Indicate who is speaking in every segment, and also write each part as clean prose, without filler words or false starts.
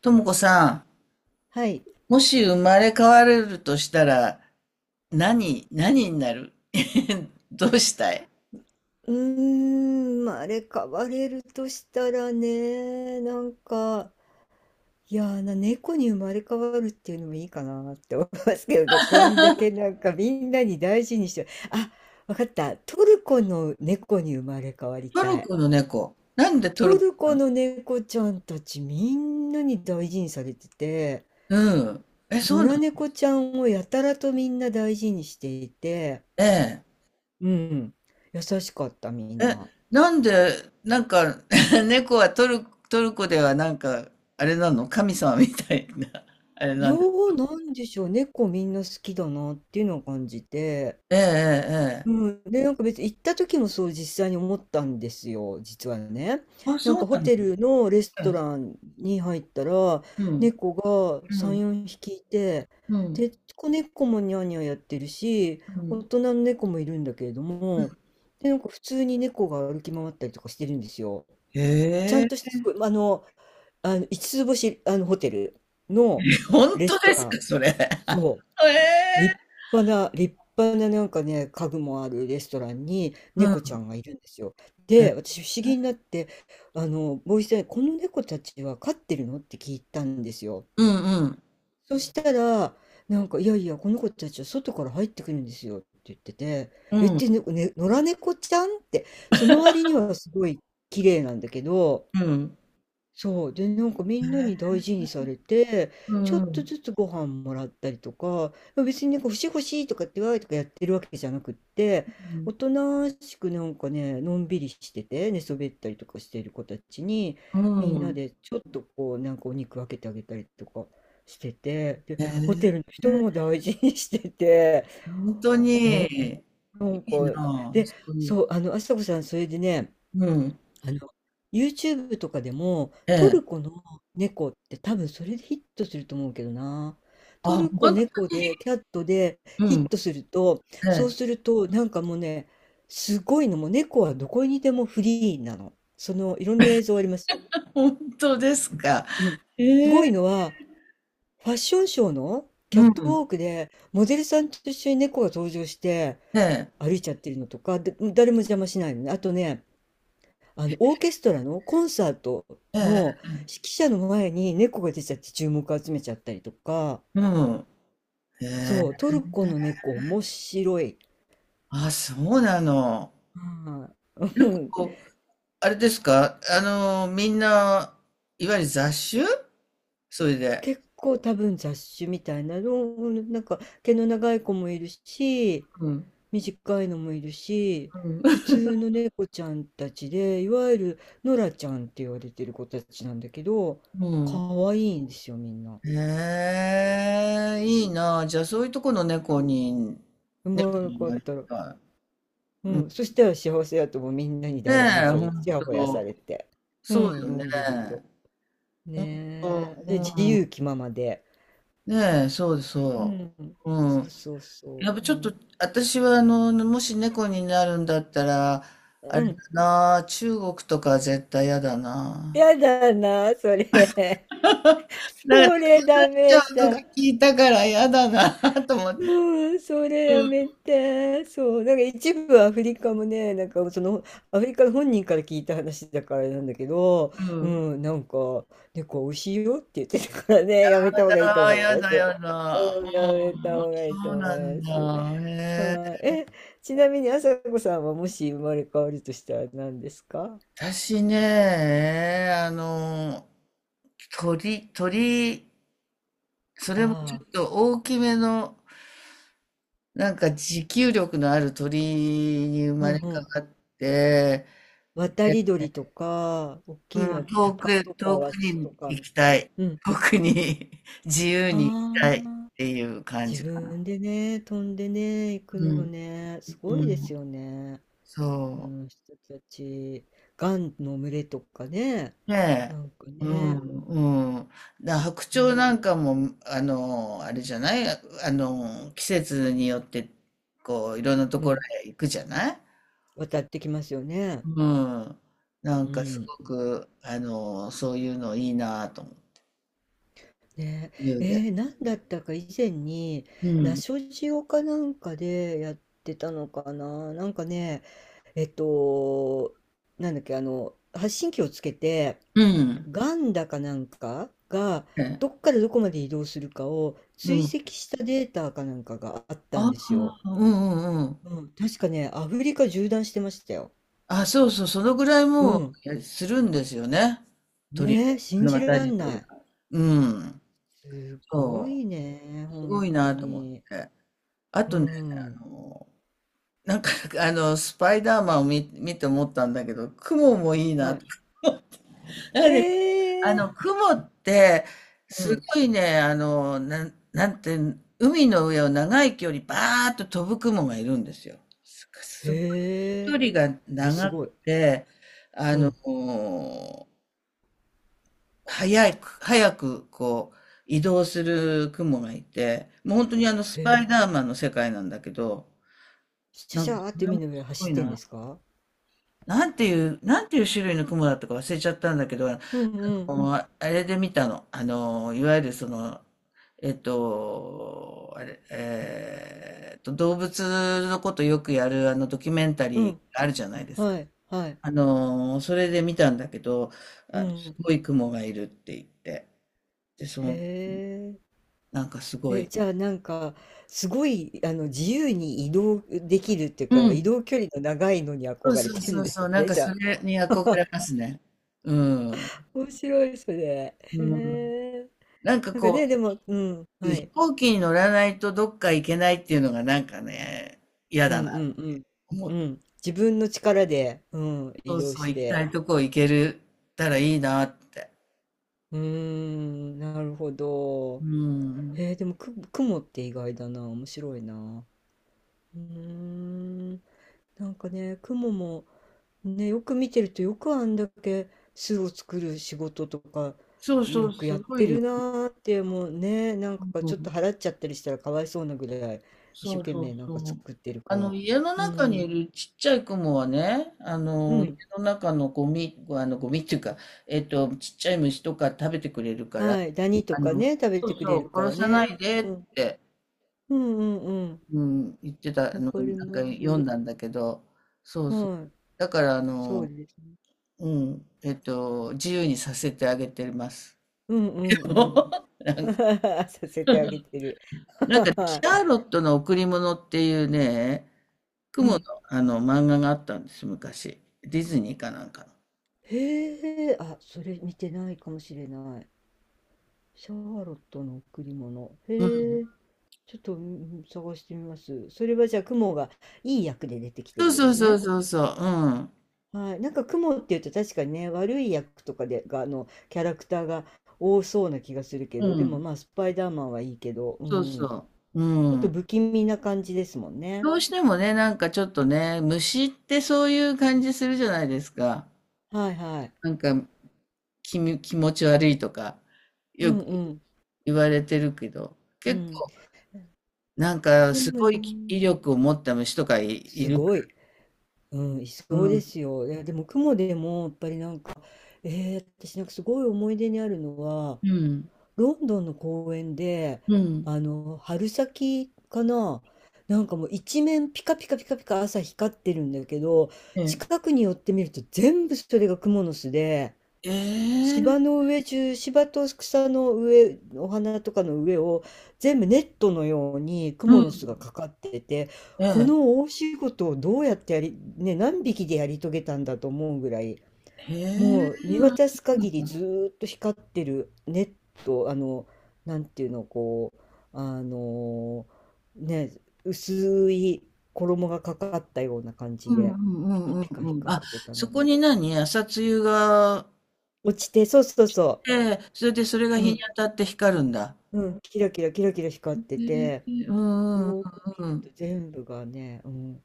Speaker 1: ともこさ
Speaker 2: はい。
Speaker 1: ん、もし生まれ変われるとしたら、何になる どうしたい？
Speaker 2: まあ、あれ変われるとしたらね、いやーな、猫に生まれ変わるっていうのもいいかなって思いますけどね、こんだけなんかみんなに大事にして、あ、わかった、トルコの猫に生まれ変わり
Speaker 1: ト
Speaker 2: た
Speaker 1: ル
Speaker 2: い。
Speaker 1: コの猫。なんでトル
Speaker 2: ト
Speaker 1: コ、
Speaker 2: ルコの猫ちゃんたちみんなに大事にされてて、
Speaker 1: うん。え、そ
Speaker 2: 野
Speaker 1: うな
Speaker 2: 良
Speaker 1: の？
Speaker 2: 猫ちゃんをやたらとみんな大事にしていて、
Speaker 1: ええ。
Speaker 2: うん、優しかったみん
Speaker 1: え、
Speaker 2: な。
Speaker 1: なんで、なんか、猫はトルコではなんか、あれなの？神様みたいな、あれなんで。
Speaker 2: よなんでしょう、猫みんな好きだなっていうのを感じて。
Speaker 1: ええ、ええ、ええ。
Speaker 2: うん、で、なんか別に行った時もそう実際に思ったんですよ、実はね。
Speaker 1: あ、
Speaker 2: なん
Speaker 1: そう
Speaker 2: かホ
Speaker 1: なの？
Speaker 2: テルのレス
Speaker 1: う
Speaker 2: ト
Speaker 1: ん、
Speaker 2: ランに入ったら、
Speaker 1: うん、
Speaker 2: 猫が
Speaker 1: う
Speaker 2: 3、
Speaker 1: ん、
Speaker 2: 4匹いて、
Speaker 1: うん。
Speaker 2: で、子猫もニャーニャーやってるし、
Speaker 1: う
Speaker 2: 大
Speaker 1: ん。
Speaker 2: 人の猫もいるんだけれども、で、なんか普通に猫が歩き回ったりとかしてるんですよ。
Speaker 1: へ
Speaker 2: ちゃんとし
Speaker 1: え、
Speaker 2: てすごい、五つ星、あの、ホテルの
Speaker 1: 本
Speaker 2: レ
Speaker 1: 当
Speaker 2: スト
Speaker 1: です
Speaker 2: ラ
Speaker 1: か、
Speaker 2: ン。
Speaker 1: それ。え
Speaker 2: そ
Speaker 1: え、
Speaker 2: う、立派ななんかね、家具もあるレストランに
Speaker 1: う
Speaker 2: 猫ち
Speaker 1: ん。
Speaker 2: ゃんがいるんですよ。で、私不思議になって、あの、ボイスで、この猫たちは飼ってるのって聞いたんですよ。
Speaker 1: うんうん。
Speaker 2: そしたら、なんか、いやいや、この子たちは外から入ってくるんですよって言ってて、
Speaker 1: う
Speaker 2: えっ
Speaker 1: ん
Speaker 2: て、ね野良猫ちゃんって、その割にはすごい綺麗なんだけど、
Speaker 1: うん。
Speaker 2: そう。で、なんかみんなに大事にされて、
Speaker 1: う
Speaker 2: ちょ
Speaker 1: ん
Speaker 2: っ
Speaker 1: う
Speaker 2: と
Speaker 1: ん。
Speaker 2: ずつご飯もらったりとか、ま別になんか欲しい欲しいとかってわーとかやってるわけじゃなくって、おとなしくなんかね、のんびりしてて、寝そべったりとかしている子たちに、
Speaker 1: う
Speaker 2: みんな
Speaker 1: ん。
Speaker 2: でちょっとこう、なんかお肉分けてあげたりとかしてて、で、
Speaker 1: へ
Speaker 2: ホ
Speaker 1: え。
Speaker 2: テルの人も大事にしてて、
Speaker 1: 本当
Speaker 2: う
Speaker 1: に、
Speaker 2: ん、
Speaker 1: い
Speaker 2: なんか、
Speaker 1: いなあ、
Speaker 2: で、
Speaker 1: そういう。
Speaker 2: そう、あの、あさこさん、それでね、
Speaker 1: うん。
Speaker 2: あの、YouTube とかでも、
Speaker 1: え
Speaker 2: ト
Speaker 1: え。
Speaker 2: ルコの猫って多分それでヒットすると思うけどな。ト
Speaker 1: あ、
Speaker 2: ル
Speaker 1: ほ
Speaker 2: コ
Speaker 1: ん。
Speaker 2: 猫で、キャットで
Speaker 1: う
Speaker 2: ヒッ
Speaker 1: ん。
Speaker 2: トすると、
Speaker 1: え
Speaker 2: そう
Speaker 1: え。
Speaker 2: すると、なんかもうね、すごいの、もう猫はどこにでもフリーなの。その、いろんな映像ありますよ。
Speaker 1: ほですか。
Speaker 2: うん。す
Speaker 1: へ
Speaker 2: ごい
Speaker 1: え。
Speaker 2: のは、ファッションショーのキャッ
Speaker 1: う
Speaker 2: ト
Speaker 1: ん。
Speaker 2: ウォークで、モデルさんと一緒に猫が登場して
Speaker 1: ええ。
Speaker 2: 歩いちゃってるのとか、で誰も邪魔しないのね。あとね、あの、オーケストラのコンサート
Speaker 1: ええ。
Speaker 2: の指揮者の前に猫が出ちゃって注目を集めちゃったりとか、
Speaker 1: うん。へえ。
Speaker 2: そう、トルコの猫面白い。
Speaker 1: あ、そうなの。
Speaker 2: はい。
Speaker 1: なん
Speaker 2: う
Speaker 1: か
Speaker 2: ん、
Speaker 1: こう、あれですか、みんな、いわゆる雑種？それで。
Speaker 2: 結構多分雑種みたいなの、うんなんか毛の長い子もいるし、
Speaker 1: うん。
Speaker 2: 短いのもいるし、
Speaker 1: うん。
Speaker 2: 普 通の猫ちゃんたちで、いわゆるノラちゃんって言われてる子たちなんだけど、
Speaker 1: う
Speaker 2: 可
Speaker 1: ん。
Speaker 2: 愛いんですよ、みんな。
Speaker 1: へえ、いいな。じゃあ、そういうとこの猫に、
Speaker 2: 生
Speaker 1: 猫
Speaker 2: まれ
Speaker 1: に
Speaker 2: 変わ
Speaker 1: な
Speaker 2: っ
Speaker 1: り
Speaker 2: たら。
Speaker 1: たい。
Speaker 2: う
Speaker 1: うん、
Speaker 2: ん、そしたら幸せやともうみんなに
Speaker 1: ね
Speaker 2: 大事に
Speaker 1: え、
Speaker 2: さ
Speaker 1: ほ
Speaker 2: れて、
Speaker 1: ん
Speaker 2: ちやほやされ
Speaker 1: と。
Speaker 2: て、う
Speaker 1: そう
Speaker 2: ん、
Speaker 1: よ
Speaker 2: の
Speaker 1: ね。
Speaker 2: んびりと。
Speaker 1: ほんと。
Speaker 2: ねえ。
Speaker 1: う
Speaker 2: で、自
Speaker 1: ん。
Speaker 2: 由気ままで。
Speaker 1: ねえ、そう
Speaker 2: う
Speaker 1: そ
Speaker 2: ん、
Speaker 1: う。う
Speaker 2: そう
Speaker 1: ん。
Speaker 2: そうそ
Speaker 1: やっぱ
Speaker 2: う。
Speaker 1: ち
Speaker 2: う
Speaker 1: ょっと、
Speaker 2: ん、
Speaker 1: 私は、もし猫になるんだったら、あ
Speaker 2: う
Speaker 1: れだ
Speaker 2: ん、
Speaker 1: な、中国とか絶対嫌だな。
Speaker 2: やだな、それ。
Speaker 1: なんか、
Speaker 2: そ
Speaker 1: 食
Speaker 2: れ
Speaker 1: べら
Speaker 2: ダ
Speaker 1: れちゃ
Speaker 2: メ
Speaker 1: うとか
Speaker 2: だ。
Speaker 1: 聞いたから嫌だな、と思って。
Speaker 2: うん、それ
Speaker 1: う
Speaker 2: や
Speaker 1: ん。
Speaker 2: めて。そう。なんか一部アフリカもね、なんかそのアフリカの本人から聞いた話だからあれなんだけど、
Speaker 1: う
Speaker 2: う
Speaker 1: ん。
Speaker 2: ん、なんか猫美味しいよって言ってたからね、やめた方がいいと
Speaker 1: だ、
Speaker 2: 思い
Speaker 1: や
Speaker 2: ま
Speaker 1: だ
Speaker 2: すよ。
Speaker 1: やだ。
Speaker 2: うん、やめた
Speaker 1: うん、そ
Speaker 2: 方がいいと
Speaker 1: う
Speaker 2: 思
Speaker 1: な
Speaker 2: い
Speaker 1: ん
Speaker 2: ます。
Speaker 1: だ。へ
Speaker 2: はい。
Speaker 1: え。
Speaker 2: え、ちなみに朝子さんはもし生まれ変わるとしたら何ですか？
Speaker 1: 私ね、鳥、それもちょ
Speaker 2: ああ、
Speaker 1: っと大きめの、なんか持久力のある鳥に生
Speaker 2: う
Speaker 1: まれ
Speaker 2: ん
Speaker 1: 変
Speaker 2: うん。
Speaker 1: わって、
Speaker 2: 渡
Speaker 1: で、
Speaker 2: り鳥とか、大
Speaker 1: う
Speaker 2: きいのは
Speaker 1: ん、
Speaker 2: 鷹とか
Speaker 1: 遠
Speaker 2: ワ
Speaker 1: く
Speaker 2: シ
Speaker 1: に
Speaker 2: とか。
Speaker 1: 行きたい。
Speaker 2: うん。
Speaker 1: 遠くに 自由に行き
Speaker 2: あ
Speaker 1: たいっ
Speaker 2: あ。
Speaker 1: ていう感
Speaker 2: 自
Speaker 1: じかな。
Speaker 2: 分でね、飛んでね、行く
Speaker 1: う
Speaker 2: の
Speaker 1: ん、
Speaker 2: ね、すご
Speaker 1: う
Speaker 2: いです
Speaker 1: ん、
Speaker 2: よね。あ
Speaker 1: そう。
Speaker 2: の人たち、雁の群れとかね、
Speaker 1: ね
Speaker 2: なんか
Speaker 1: え。う
Speaker 2: ね、
Speaker 1: ん、うん。だ白
Speaker 2: う
Speaker 1: 鳥
Speaker 2: ん、
Speaker 1: なんかも、あの、あれじゃないあの、季節によって、こう、いろんなと
Speaker 2: う
Speaker 1: ころ
Speaker 2: ん、
Speaker 1: へ行くじゃない。
Speaker 2: 渡ってきますよね。
Speaker 1: うん。な
Speaker 2: う
Speaker 1: んかす
Speaker 2: ん。
Speaker 1: ごく、そういうのいいなと思う。
Speaker 2: ね、
Speaker 1: 言うで。
Speaker 2: なんだったか以前に、
Speaker 1: う
Speaker 2: ナ
Speaker 1: ん。
Speaker 2: ショジオかなんかでやってたのかな。なんかね、えっと、なんだっけ、あの、発信機をつけて、
Speaker 1: うん。
Speaker 2: ガンダかなんかが
Speaker 1: ね。
Speaker 2: どっからどこまで移動するかを
Speaker 1: う
Speaker 2: 追
Speaker 1: ん。
Speaker 2: 跡したデータかなんかがあったん
Speaker 1: あ
Speaker 2: ですよ。
Speaker 1: あ、うんうんうん。
Speaker 2: うん、確かね、アフリカ縦断してましたよ。
Speaker 1: あ、そうそう、そのぐらい
Speaker 2: う
Speaker 1: もう、
Speaker 2: ん。
Speaker 1: えするんですよね。鳥
Speaker 2: ね
Speaker 1: は。
Speaker 2: え、信じら
Speaker 1: 私
Speaker 2: ん
Speaker 1: たち
Speaker 2: ない。
Speaker 1: は。うん。
Speaker 2: すご
Speaker 1: そ
Speaker 2: いね、
Speaker 1: う。すご
Speaker 2: 本
Speaker 1: い
Speaker 2: 当
Speaker 1: なと思っ
Speaker 2: に。
Speaker 1: て。あ
Speaker 2: う
Speaker 1: とね、
Speaker 2: ん。
Speaker 1: なんか、スパイダーマンを見て思ったんだけど、雲もいい
Speaker 2: は
Speaker 1: な
Speaker 2: い。
Speaker 1: と。
Speaker 2: へえ。
Speaker 1: 雲って、
Speaker 2: う
Speaker 1: す
Speaker 2: ん。
Speaker 1: ごいね、なんて、海の上を長い距離、バーッと飛ぶ雲がいるんですよ。す、すごい
Speaker 2: へえ。
Speaker 1: 距離が
Speaker 2: え、す
Speaker 1: 長
Speaker 2: ご
Speaker 1: く
Speaker 2: い。
Speaker 1: て、あ
Speaker 2: う
Speaker 1: の、
Speaker 2: ん。
Speaker 1: 早く、こう、移動する雲がいて、もう本当にス
Speaker 2: へ
Speaker 1: パイダ
Speaker 2: え。
Speaker 1: ーマンの世界なんだけど、
Speaker 2: シャ
Speaker 1: なん
Speaker 2: シ
Speaker 1: か、
Speaker 2: ャーっ
Speaker 1: こ
Speaker 2: て
Speaker 1: れ
Speaker 2: 海
Speaker 1: も
Speaker 2: の上
Speaker 1: すご
Speaker 2: 走っ
Speaker 1: い
Speaker 2: てんで
Speaker 1: な。
Speaker 2: すか？
Speaker 1: なんていう種類の雲だったか忘れちゃったんだけど、あ
Speaker 2: うんうん。
Speaker 1: の、あれで見たの。あの、いわゆるその、えっと、あれ、えーっと、動物のことよくやるあのドキュメンタ
Speaker 2: う
Speaker 1: リー
Speaker 2: ん。
Speaker 1: あるじゃないですか。
Speaker 2: はい。はい。
Speaker 1: それで見たんだけど、
Speaker 2: う
Speaker 1: す
Speaker 2: ん。
Speaker 1: ごい雲がいるって言って。で、そ
Speaker 2: へ
Speaker 1: の、
Speaker 2: え。
Speaker 1: なんかすご
Speaker 2: え、
Speaker 1: い。
Speaker 2: じゃあなんか、すごい、あの、自由に移動できるっていう
Speaker 1: う
Speaker 2: か、移
Speaker 1: ん。
Speaker 2: 動距離の長いのに
Speaker 1: そ
Speaker 2: 憧
Speaker 1: う
Speaker 2: れ
Speaker 1: そう
Speaker 2: て
Speaker 1: そ
Speaker 2: るん
Speaker 1: う
Speaker 2: で
Speaker 1: そ
Speaker 2: す
Speaker 1: う、なん
Speaker 2: ね、
Speaker 1: か
Speaker 2: じゃ
Speaker 1: そ
Speaker 2: あ。
Speaker 1: れに憧れますね。うん。
Speaker 2: 面白い、それ。へ
Speaker 1: うん。
Speaker 2: え。
Speaker 1: なんか
Speaker 2: なんか
Speaker 1: こ
Speaker 2: ね、でも、うん、
Speaker 1: う、
Speaker 2: は
Speaker 1: 飛
Speaker 2: い。
Speaker 1: 行機に乗らないとどっか行けないっていうのがなんかね、嫌
Speaker 2: う
Speaker 1: だなっ
Speaker 2: んう
Speaker 1: て
Speaker 2: ん
Speaker 1: 思
Speaker 2: う
Speaker 1: う。
Speaker 2: ん。うん。自分の力で、うん、
Speaker 1: そ
Speaker 2: 移
Speaker 1: う
Speaker 2: 動
Speaker 1: そう、
Speaker 2: し
Speaker 1: 行きた
Speaker 2: て。
Speaker 1: いとこ行けるたらいいなって。
Speaker 2: うーん、なるほ
Speaker 1: う
Speaker 2: ど。
Speaker 1: ん。
Speaker 2: でも、雲って意外だな。面白いな。うーん。なんかね、雲も、ね、よく見てるとよくあんだけ巣を作る仕事とか
Speaker 1: そうそ
Speaker 2: よ
Speaker 1: う、
Speaker 2: く
Speaker 1: す
Speaker 2: やっ
Speaker 1: ご
Speaker 2: て
Speaker 1: いよ。
Speaker 2: るなーってもうねなんか
Speaker 1: う
Speaker 2: ちょっと
Speaker 1: ん。
Speaker 2: 払っちゃったりしたらかわいそうなぐらい一生
Speaker 1: そう
Speaker 2: 懸
Speaker 1: そう
Speaker 2: 命なんか
Speaker 1: そう。
Speaker 2: 作ってるから
Speaker 1: 家の
Speaker 2: う
Speaker 1: 中に
Speaker 2: ん
Speaker 1: いるちっちゃいクモはね、
Speaker 2: う
Speaker 1: 家
Speaker 2: ん
Speaker 1: の中のゴミ、ゴミっていうか、ちっちゃい虫とか食べてくれるから、
Speaker 2: はいダニと
Speaker 1: あ
Speaker 2: か
Speaker 1: の、
Speaker 2: ね食べ
Speaker 1: そ
Speaker 2: て
Speaker 1: う
Speaker 2: く
Speaker 1: そ
Speaker 2: れる
Speaker 1: う、
Speaker 2: から
Speaker 1: 殺さない
Speaker 2: ね、
Speaker 1: で
Speaker 2: う
Speaker 1: っ
Speaker 2: ん、
Speaker 1: て。
Speaker 2: うんうんうん
Speaker 1: うん、言ってた
Speaker 2: わ
Speaker 1: の、
Speaker 2: か
Speaker 1: な
Speaker 2: り
Speaker 1: んか
Speaker 2: ま
Speaker 1: 読ん
Speaker 2: す
Speaker 1: だんだけど、そうそう。
Speaker 2: はい
Speaker 1: だから、
Speaker 2: そうですね
Speaker 1: うん、自由にさせてあげてます。
Speaker 2: うんうん うん させてあげてる
Speaker 1: なんか、シ
Speaker 2: はい
Speaker 1: ャーロットの贈り物っていうね、
Speaker 2: う
Speaker 1: 雲の、
Speaker 2: ん
Speaker 1: あの漫画があったんです、昔。ディズニーかなんか
Speaker 2: へえあそれ見てないかもしれないシャーロットの贈り物。
Speaker 1: の。うん。
Speaker 2: へえ、ちょっとうん探してみます。それはじゃあ、雲がいい役で出てきて
Speaker 1: そ
Speaker 2: る
Speaker 1: う
Speaker 2: んで
Speaker 1: そう
Speaker 2: す
Speaker 1: そう
Speaker 2: ね。
Speaker 1: そうそう。う
Speaker 2: はい。なんか雲っていうと確かにね、悪い役とかで、が、あの、キャラクターが多そうな気がするけ
Speaker 1: ん。う
Speaker 2: ど、でも
Speaker 1: ん。
Speaker 2: まあ、スパイダーマンはいいけど、う
Speaker 1: そう
Speaker 2: ん。
Speaker 1: そう。う
Speaker 2: ちょっと
Speaker 1: ん。
Speaker 2: 不気味な感じですもんね。
Speaker 1: どうしてもね、なんかちょっとね、虫ってそういう感じするじゃないですか。
Speaker 2: はいはい。
Speaker 1: なんか気持ち悪いとか、
Speaker 2: う
Speaker 1: よ
Speaker 2: ん
Speaker 1: く
Speaker 2: うん。
Speaker 1: 言われてるけど、
Speaker 2: う
Speaker 1: 結
Speaker 2: ん。
Speaker 1: 構、なんか、
Speaker 2: で
Speaker 1: す
Speaker 2: も
Speaker 1: ごい
Speaker 2: ね、
Speaker 1: 威力を持った虫とかいい
Speaker 2: す
Speaker 1: るか
Speaker 2: ごい。うん、い
Speaker 1: ら。
Speaker 2: そう
Speaker 1: う
Speaker 2: で
Speaker 1: ん。
Speaker 2: すよ。いや、でも雲でも、やっぱりなんか、私なんかすごい思い出にあるのは、
Speaker 1: うん。
Speaker 2: ロンドンの公園で、
Speaker 1: うん。
Speaker 2: あの、春先かな、なんかもう一面ピカピカピカピカ朝光ってるんだけど、
Speaker 1: ええ。
Speaker 2: 近くに寄ってみると全部それがクモの巣で、
Speaker 1: ええ。
Speaker 2: 芝と草の上、お花とかの上を全部ネットのようにク
Speaker 1: う
Speaker 2: モの巣が
Speaker 1: ん。
Speaker 2: かかってて、
Speaker 1: え
Speaker 2: こ
Speaker 1: え。
Speaker 2: の大仕事をどうやってやり、ね、何匹でやり遂げたんだと思うぐらい
Speaker 1: へえ、
Speaker 2: もう見
Speaker 1: あ、
Speaker 2: 渡
Speaker 1: そ
Speaker 2: す
Speaker 1: うなん
Speaker 2: 限り
Speaker 1: だ。
Speaker 2: ずーっと光ってるネット、あの、なんていうの、こう、あのね、薄い衣がかかったような感
Speaker 1: う
Speaker 2: じ
Speaker 1: ん
Speaker 2: で、
Speaker 1: う
Speaker 2: ピ
Speaker 1: ん
Speaker 2: カ
Speaker 1: うん
Speaker 2: ピカ
Speaker 1: うんうん。
Speaker 2: 光っ
Speaker 1: あ、
Speaker 2: てた
Speaker 1: そ
Speaker 2: の
Speaker 1: こ
Speaker 2: が。
Speaker 1: に何、朝露が。
Speaker 2: 落ちて、そうそうそ
Speaker 1: ええ、それでそれが
Speaker 2: う、う
Speaker 1: 日に
Speaker 2: ん、
Speaker 1: 当たって光るんだ。
Speaker 2: うん、キラキラキラキラ光って
Speaker 1: へ
Speaker 2: て、
Speaker 1: え、うんうん
Speaker 2: よーく見
Speaker 1: う
Speaker 2: る
Speaker 1: ん
Speaker 2: と全部がね、うん、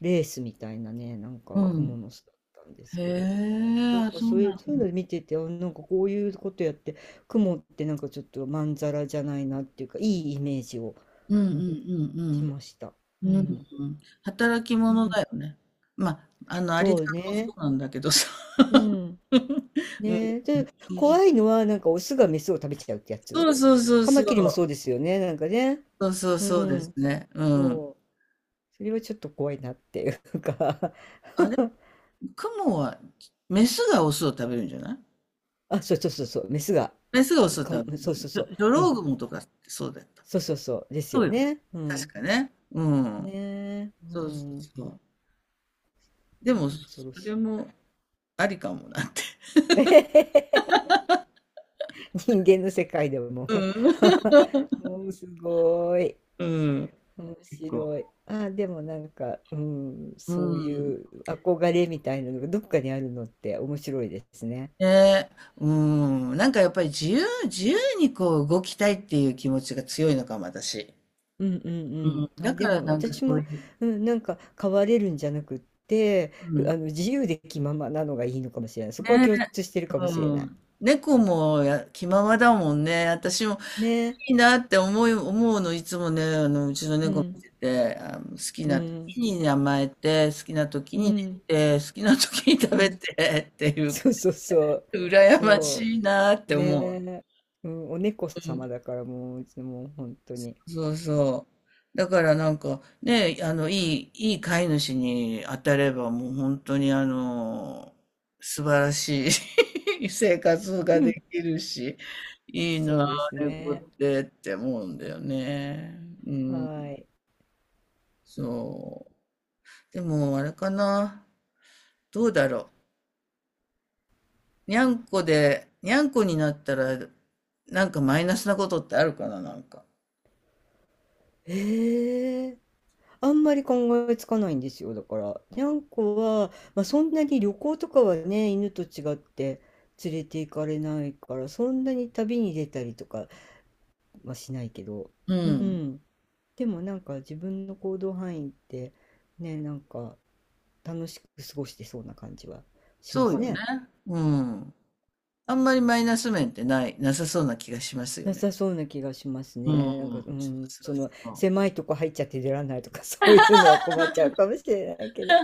Speaker 2: レースみたいなね、なん
Speaker 1: うん
Speaker 2: か
Speaker 1: う
Speaker 2: 雲
Speaker 1: ん。
Speaker 2: の巣だったんです
Speaker 1: へ
Speaker 2: けど。
Speaker 1: え、
Speaker 2: なん
Speaker 1: あ、
Speaker 2: か
Speaker 1: そう
Speaker 2: そう
Speaker 1: な
Speaker 2: いう、
Speaker 1: ん
Speaker 2: そうい
Speaker 1: だ。
Speaker 2: うの見てて、あなんかこういうことやって、雲ってなんかちょっとまんざらじゃないなっていうか、いいイメージを、
Speaker 1: うんう
Speaker 2: うん
Speaker 1: ん
Speaker 2: し
Speaker 1: う
Speaker 2: ました。う
Speaker 1: んうん。うん。
Speaker 2: ん。
Speaker 1: 働き
Speaker 2: う
Speaker 1: 者
Speaker 2: ん。
Speaker 1: だよね。まあ、アリ
Speaker 2: そ
Speaker 1: さ
Speaker 2: う
Speaker 1: んもそ
Speaker 2: ね。
Speaker 1: うなんだけどさ。
Speaker 2: う ん。
Speaker 1: う
Speaker 2: ね
Speaker 1: ん。
Speaker 2: で、怖いのは、なんかオスがメスを食べちゃうってやつ。
Speaker 1: そうそうそう
Speaker 2: カ
Speaker 1: そ
Speaker 2: マキリもそう
Speaker 1: う。
Speaker 2: ですよね、なんかね。
Speaker 1: そうそう
Speaker 2: う
Speaker 1: そうです
Speaker 2: ん。
Speaker 1: ね。うん。
Speaker 2: そう。それはちょっと怖いなっていうか
Speaker 1: あれ、クモは、メスがオスを食べるんじゃない？
Speaker 2: あ、そうそうそうそう、メスが、
Speaker 1: メスがオスを食
Speaker 2: そうそう
Speaker 1: べ
Speaker 2: そ
Speaker 1: る。
Speaker 2: う。
Speaker 1: ジョジョ
Speaker 2: う
Speaker 1: ロ
Speaker 2: ん。
Speaker 1: ウグモとかってそうだった。
Speaker 2: そうそうそう。です
Speaker 1: そう
Speaker 2: よ
Speaker 1: よね。
Speaker 2: ね。う
Speaker 1: 確
Speaker 2: ん。
Speaker 1: かね。うん。
Speaker 2: ねえ。う
Speaker 1: そうそう
Speaker 2: ん。
Speaker 1: そう。でも、
Speaker 2: ね、
Speaker 1: そ
Speaker 2: 恐ろし
Speaker 1: れ
Speaker 2: い。
Speaker 1: もありかもなって。
Speaker 2: 人間の世界でも
Speaker 1: う ん。
Speaker 2: もうすごい。
Speaker 1: うん。
Speaker 2: 面
Speaker 1: 結構。
Speaker 2: 白い。あ、でもなんか、うん、
Speaker 1: う
Speaker 2: そう
Speaker 1: ん。
Speaker 2: いう憧れみたいなのがどっかにあるのって面白いですね。
Speaker 1: ね、うん、なんかやっぱり自由自由にこう動きたいっていう気持ちが強いのかも、私。
Speaker 2: うんうん
Speaker 1: う
Speaker 2: う
Speaker 1: ん、
Speaker 2: ん。
Speaker 1: だ
Speaker 2: あ、
Speaker 1: か
Speaker 2: で
Speaker 1: ら
Speaker 2: も
Speaker 1: なんか
Speaker 2: 私
Speaker 1: そう
Speaker 2: も、
Speaker 1: いう、
Speaker 2: うん、なんか変われるんじゃなくって、
Speaker 1: う
Speaker 2: あ
Speaker 1: ん、
Speaker 2: の自由で気ままなのがいいのかもしれない。そこは
Speaker 1: ね、
Speaker 2: 共通してるかも
Speaker 1: う
Speaker 2: しれない。
Speaker 1: ん。猫もや気ままだもんね。私も
Speaker 2: ね。
Speaker 1: いいなって思い、思うの、いつもね、うちの
Speaker 2: う
Speaker 1: 猫
Speaker 2: ん
Speaker 1: 見てて、好き
Speaker 2: う
Speaker 1: な
Speaker 2: ん
Speaker 1: 時に甘えて、好きな時
Speaker 2: う
Speaker 1: に寝
Speaker 2: ん
Speaker 1: て、好きな時に
Speaker 2: う
Speaker 1: 食べ
Speaker 2: ん。
Speaker 1: てっていうか、
Speaker 2: そうそうそう。
Speaker 1: 羨ま
Speaker 2: そ
Speaker 1: しいなっ
Speaker 2: う。
Speaker 1: て
Speaker 2: ね
Speaker 1: 思う。
Speaker 2: え、うん、お猫様だからもう、いつも本当に。
Speaker 1: そうそう。だからなんかね、いい飼い主に当たればもう本当に素晴らしい 生活が
Speaker 2: うん。
Speaker 1: できるし、いい
Speaker 2: そ
Speaker 1: な
Speaker 2: う
Speaker 1: あ、
Speaker 2: です
Speaker 1: 猫
Speaker 2: ね。
Speaker 1: ってって思うんだよね。うん、
Speaker 2: はい。
Speaker 1: そう。でもあれかな、どうだろう。にゃんこで、にゃんこになったら、なんかマイナスなことってあるかな、なんか。
Speaker 2: ええ、あんまり考えつかないんですよ。だから、にゃんこは、まあ、そんなに旅行とかはね、犬と違って連れて行かれないから、そんなに旅に出たりとかはしないけど、
Speaker 1: う
Speaker 2: う
Speaker 1: ん。
Speaker 2: ん。でもなんか自分の行動範囲って、ね、なんか楽しく過ごしてそうな感じはしま
Speaker 1: そう
Speaker 2: す
Speaker 1: よね。
Speaker 2: ね。
Speaker 1: うん。あんまりマイナス面ってない、なさそうな気がしますよ
Speaker 2: な
Speaker 1: ね。
Speaker 2: さそうな気がします
Speaker 1: うん。
Speaker 2: ね。なんか、うん、その、
Speaker 1: そう
Speaker 2: 狭いとこ入っちゃって出られないとか、そういうのは困っちゃうかもしれないけど。